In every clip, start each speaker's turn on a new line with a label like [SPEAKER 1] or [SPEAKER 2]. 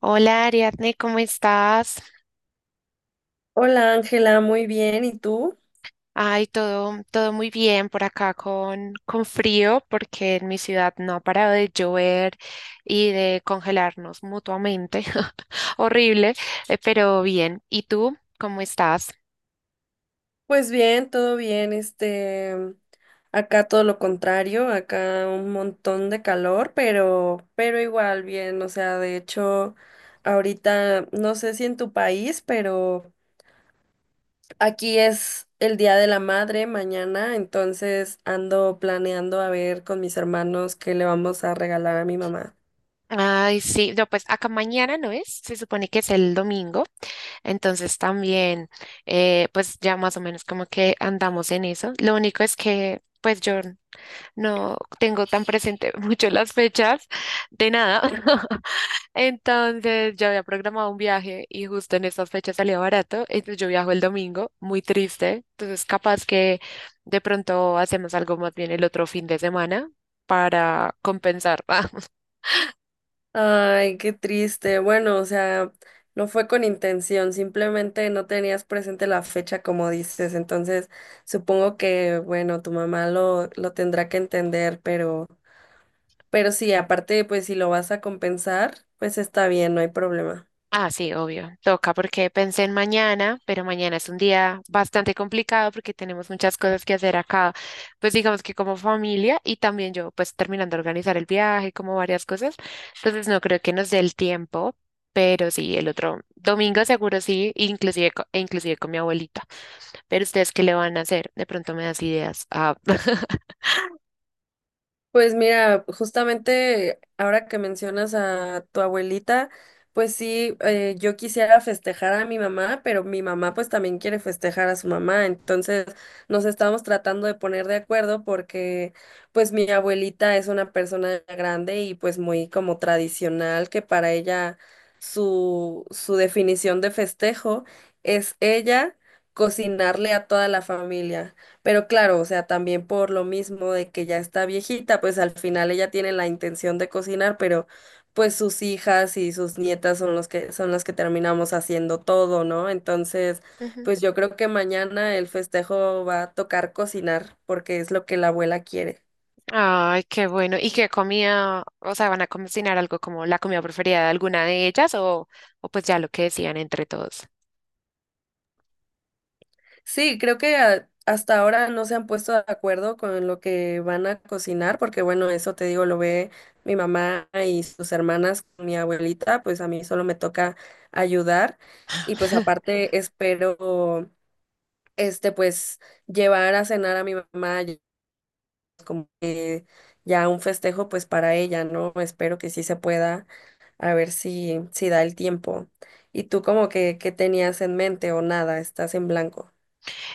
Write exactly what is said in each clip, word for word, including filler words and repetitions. [SPEAKER 1] Hola Ariadne, ¿cómo estás?
[SPEAKER 2] Hola Ángela, muy bien. ¿Y tú?
[SPEAKER 1] Ay, todo, todo muy bien por acá con, con frío porque en mi ciudad no ha parado de llover y de congelarnos mutuamente. Horrible, eh, pero bien. ¿Y tú cómo estás?
[SPEAKER 2] Pues bien, todo bien. Este, mm, acá todo lo contrario, acá un montón de calor, pero, pero igual bien. O sea, de hecho, ahorita no sé si en tu país, pero aquí es el Día de la Madre mañana, entonces ando planeando a ver con mis hermanos qué le vamos a regalar a mi mamá.
[SPEAKER 1] Ay, sí, no, pues acá mañana no es, se supone que es el domingo, entonces también, eh, pues ya más o menos como que andamos en eso. Lo único es que, pues yo no tengo tan presente mucho las fechas de nada. Entonces yo había programado un viaje y justo en estas fechas salía barato. Entonces yo viajo el domingo, muy triste. Entonces capaz que de pronto hacemos algo más bien el otro fin de semana para compensar.
[SPEAKER 2] Ay, qué triste. Bueno, o sea, no fue con intención, simplemente no tenías presente la fecha como dices. Entonces, supongo que, bueno, tu mamá lo, lo tendrá que entender, pero, pero sí, aparte, pues si lo vas a compensar, pues está bien, no hay problema.
[SPEAKER 1] Ah, sí, obvio. Toca porque pensé en mañana, pero mañana es un día bastante complicado porque tenemos muchas cosas que hacer acá, pues digamos que como familia y también yo, pues terminando de organizar el viaje, como varias cosas. Entonces no creo que nos dé el tiempo, pero sí, el otro domingo seguro sí, inclusive, co- e inclusive con mi abuelita. Pero ustedes, ¿qué le van a hacer? De pronto me das ideas. Ah.
[SPEAKER 2] Pues mira, justamente ahora que mencionas a tu abuelita, pues sí, eh, yo quisiera festejar a mi mamá, pero mi mamá pues también quiere festejar a su mamá, entonces nos estamos tratando de poner de acuerdo porque pues mi abuelita es una persona grande y pues muy como tradicional, que para ella su, su definición de festejo es ella cocinarle a toda la familia. Pero claro, o sea, también por lo mismo de que ya está viejita, pues al final ella tiene la intención de cocinar, pero pues sus hijas y sus nietas son los que son las que terminamos haciendo todo, ¿no? Entonces, pues yo creo que mañana el festejo va a tocar cocinar porque es lo que la abuela quiere.
[SPEAKER 1] Ay, qué bueno. ¿Y qué comida? O sea, ¿van a cocinar algo como la comida preferida de alguna de ellas o, o pues ya lo que decían entre todos?
[SPEAKER 2] Sí, creo que a- hasta ahora no se han puesto de acuerdo con lo que van a cocinar, porque bueno, eso te digo, lo ve mi mamá y sus hermanas, mi abuelita, pues a mí solo me toca ayudar. Y pues aparte espero, este, pues llevar a cenar a mi mamá, y como que ya un festejo, pues para ella, ¿no? Espero que sí se pueda, a ver si, si da el tiempo. ¿Y tú como que, qué tenías en mente o nada? Estás en blanco.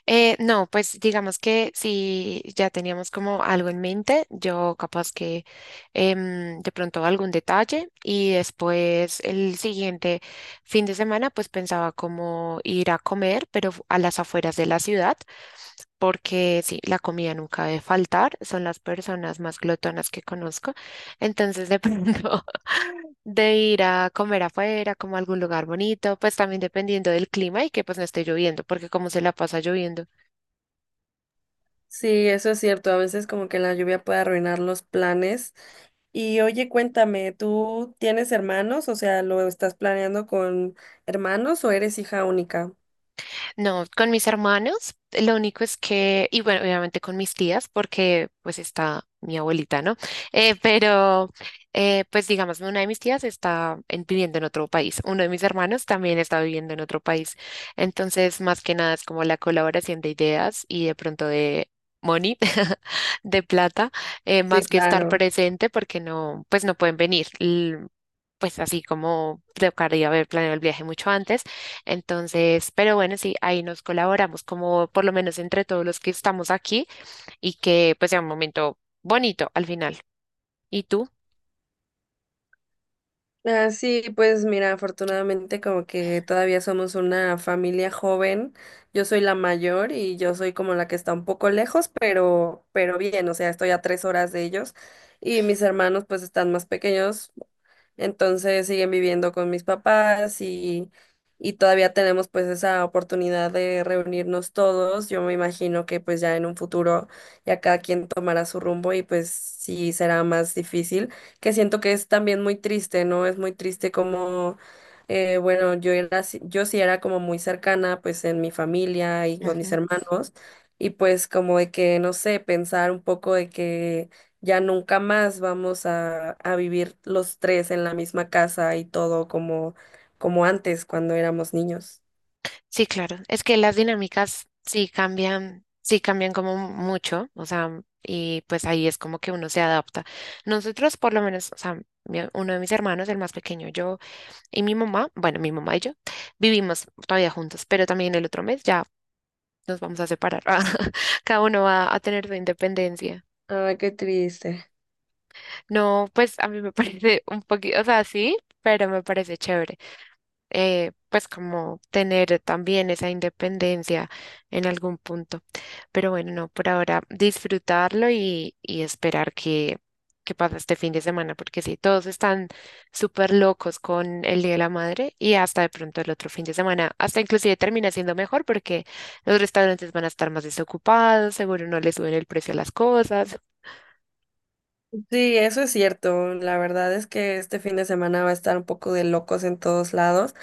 [SPEAKER 1] Eh, no, pues digamos que si ya teníamos como algo en mente, yo capaz que em, de pronto algún detalle y después el siguiente fin de semana pues pensaba como ir a comer, pero fu- a las afueras de la ciudad, porque sí, la comida nunca debe faltar, son las personas más glotonas que conozco, entonces de pronto de ir a comer afuera, como a algún lugar bonito, pues también dependiendo del clima y que pues no esté lloviendo, porque como se la pasa lloviendo.
[SPEAKER 2] Sí, eso es cierto. A veces como que la lluvia puede arruinar los planes. Y oye, cuéntame, ¿tú tienes hermanos? O sea, ¿lo estás planeando con hermanos o eres hija única?
[SPEAKER 1] No, con mis hermanos, lo único es que, y bueno, obviamente con mis tías, porque pues está mi abuelita, ¿no? Eh, pero, eh, pues digamos, una de mis tías está en- viviendo en otro país, uno de mis hermanos también está viviendo en otro país. Entonces, más que nada es como la colaboración de ideas y de pronto de money, de plata, eh,
[SPEAKER 2] Sí,
[SPEAKER 1] más que estar
[SPEAKER 2] claro.
[SPEAKER 1] presente porque no, pues no pueden venir. L- Pues así como tocaría haber planeado el viaje mucho antes entonces, pero bueno, sí, ahí nos colaboramos como por lo menos entre todos los que estamos aquí y que pues sea un momento bonito al final. ¿Y tú?
[SPEAKER 2] Ah, sí, pues mira, afortunadamente como que todavía somos una familia joven. Yo soy la mayor y yo soy como la que está un poco lejos, pero, pero bien, o sea, estoy a tres horas de ellos. Y mis hermanos pues están más pequeños. Entonces siguen viviendo con mis papás y, y todavía tenemos pues esa oportunidad de reunirnos todos. Yo me imagino que pues ya en un futuro ya cada quien tomará su rumbo y pues sí será más difícil, que siento que es también muy triste, ¿no? Es muy triste como, eh, bueno, yo era, así- yo sí era como muy cercana pues en mi familia y con mis
[SPEAKER 1] Ujú.
[SPEAKER 2] hermanos y pues como de que, no sé, pensar un poco de que ya nunca más vamos a, a vivir los tres en la misma casa y todo como, como antes cuando éramos niños.
[SPEAKER 1] Sí, claro. Es que las dinámicas sí cambian, sí cambian como mucho, o sea, y pues ahí es como que uno se adapta. Nosotros por lo menos, o sea, mi- uno de mis hermanos, el más pequeño, yo y mi mamá, bueno, mi mamá y yo vivimos todavía juntos, pero también el otro mes ya nos vamos a separar. Cada uno va a tener su independencia.
[SPEAKER 2] Ay, qué triste.
[SPEAKER 1] No, pues a mí me parece un poquito, o sea, sí, pero me parece chévere. Eh, pues como tener también esa independencia en algún punto. Pero bueno, no, por ahora disfrutarlo y, y esperar que, que pase este fin de semana, porque sí, todos están súper locos con el Día de la Madre y hasta de pronto el otro fin de semana, hasta inclusive termina siendo mejor porque los restaurantes van a estar más desocupados, seguro no le suben el precio a las cosas.
[SPEAKER 2] Sí, eso es cierto. La verdad es que este fin de semana va a estar un poco de locos en todos lados.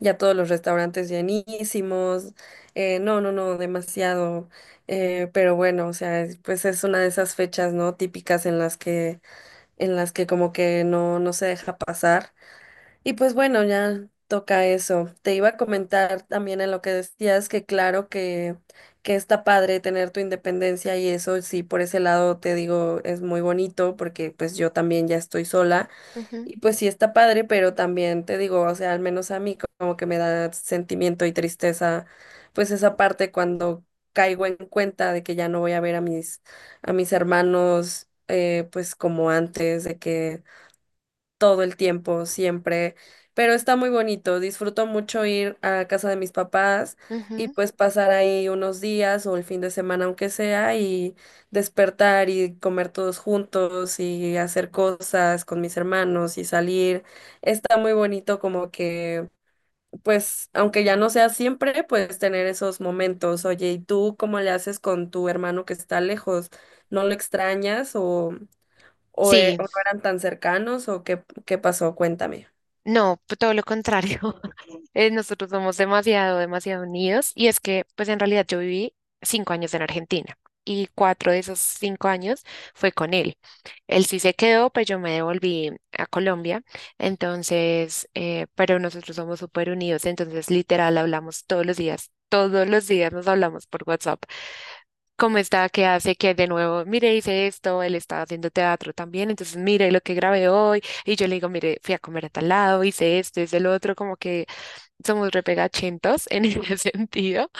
[SPEAKER 2] Ya todos los restaurantes llenísimos. Eh, no, no, no, demasiado. Eh, pero bueno, o sea, es- pues es una de esas fechas, ¿no? Típicas en las que, en las que como que no, no se deja pasar. Y pues bueno, ya toca eso. Te iba a comentar también en lo que decías que claro que, que está padre tener tu independencia y eso sí, por ese lado te digo, es muy bonito porque pues yo también ya estoy sola
[SPEAKER 1] Ujú,
[SPEAKER 2] y pues sí está padre, pero también te digo, o sea, al menos a mí como que me da sentimiento y tristeza pues esa parte cuando caigo en cuenta de que ya no voy a ver a mis, a mis hermanos, eh, pues como antes, de que todo el tiempo, siempre, pero está muy bonito. Disfruto mucho ir a casa de mis papás y
[SPEAKER 1] ujú.
[SPEAKER 2] pues pasar ahí unos días o el fin de semana aunque sea y despertar y comer todos juntos y hacer cosas con mis hermanos y salir. Está muy bonito como que, pues, aunque ya no sea siempre, pues tener esos momentos. Oye, ¿y tú cómo le haces con tu hermano que está lejos? ¿No lo extrañas o... o, e-
[SPEAKER 1] Sí,
[SPEAKER 2] o no eran tan cercanos o qué, qué pasó? Cuéntame.
[SPEAKER 1] no, p- todo lo contrario. Eh, nosotros somos demasiado, demasiado unidos y es que pues en realidad yo viví cinco años en Argentina y cuatro de esos cinco años fue con él. Él sí se quedó, pues yo me devolví a Colombia, entonces, eh, pero nosotros somos súper unidos, entonces literal hablamos todos los días, todos los días nos hablamos por WhatsApp. ¿Cómo está? ¿Qué hace? Que de nuevo, mire, hice esto, él está haciendo teatro también, entonces mire lo que grabé hoy, y yo le digo, mire, fui a comer a tal lado, hice esto, hice lo otro, como que somos repegachentos en ese sentido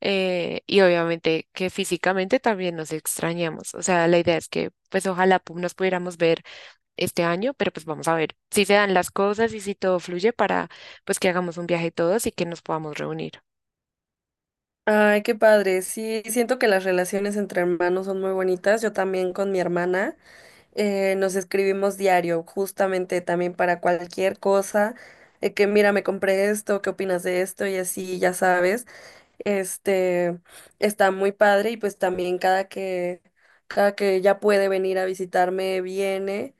[SPEAKER 1] eh, y obviamente que físicamente también nos extrañamos. O sea, la idea es que pues ojalá pu- nos pudiéramos ver este año, pero pues vamos a ver si se dan las cosas y si todo fluye para pues que hagamos un viaje todos y que nos podamos reunir.
[SPEAKER 2] Ay, qué padre. Sí, siento que las relaciones entre hermanos son muy bonitas. Yo también con mi hermana, eh, nos escribimos diario, justamente también para cualquier cosa, de que mira, me compré esto, ¿qué opinas de esto? Y así, ya sabes, este, está muy padre y pues también cada que cada que ya puede venir a visitarme, viene.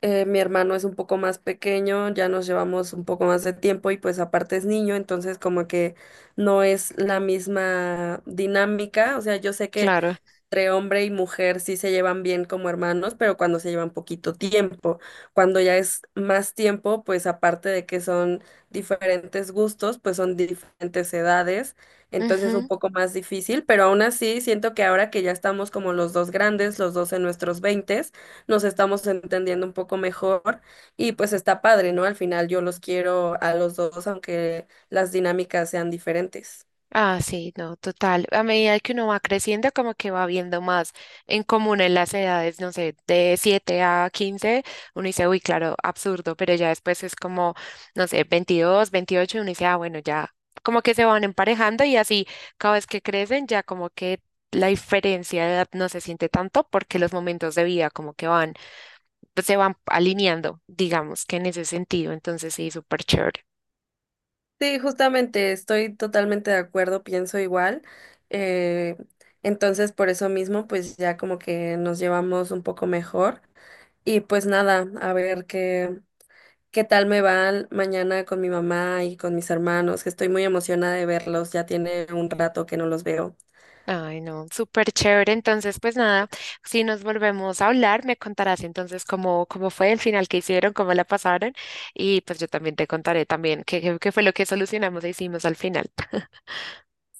[SPEAKER 2] Eh, mi hermano es un poco más pequeño, ya nos llevamos un poco más de tiempo y pues aparte es niño, entonces como que no es la misma dinámica. O sea, yo sé que
[SPEAKER 1] Claro.
[SPEAKER 2] entre hombre y mujer sí se llevan bien como hermanos, pero cuando se llevan poquito tiempo. Cuando ya es más tiempo, pues aparte de que son diferentes gustos, pues son diferentes edades, entonces es un
[SPEAKER 1] Ujú.
[SPEAKER 2] poco más difícil, pero aún así siento que ahora que ya estamos como los dos grandes, los dos en nuestros veintes, nos estamos entendiendo un poco mejor y pues está padre, ¿no? Al final yo los quiero a los dos, aunque las dinámicas sean diferentes.
[SPEAKER 1] Ah, sí, no, total. A medida que uno va creciendo, como que va viendo más en común en las edades, no sé, de siete a quince, uno dice, uy, claro, absurdo, pero ya después es como, no sé, veintidós, veintiocho, uno dice, ah, bueno, ya como que se van emparejando y así cada vez que crecen, ya como que la diferencia de edad no se siente tanto porque los momentos de vida como que van, pues, se van alineando, digamos que en ese sentido, entonces sí, súper chévere.
[SPEAKER 2] Sí, justamente estoy totalmente de acuerdo, pienso igual. eh, entonces, por eso mismo, pues ya como que nos llevamos un poco mejor. Y pues nada, a ver qué, qué tal me van mañana con mi mamá y con mis hermanos, que estoy muy emocionada de verlos, ya tiene un rato que no los veo.
[SPEAKER 1] Ay, no, súper chévere. Entonces, pues nada, si nos volvemos a hablar, me contarás entonces cómo, cómo fue el final que hicieron, cómo la pasaron y pues yo también te contaré también qué, qué qué fue lo que solucionamos e hicimos al final.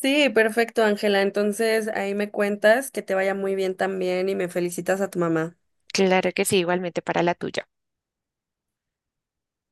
[SPEAKER 2] Sí, perfecto, Ángela. Entonces, ahí me cuentas que te vaya muy bien también y me felicitas a tu mamá.
[SPEAKER 1] Claro que sí, igualmente para la tuya.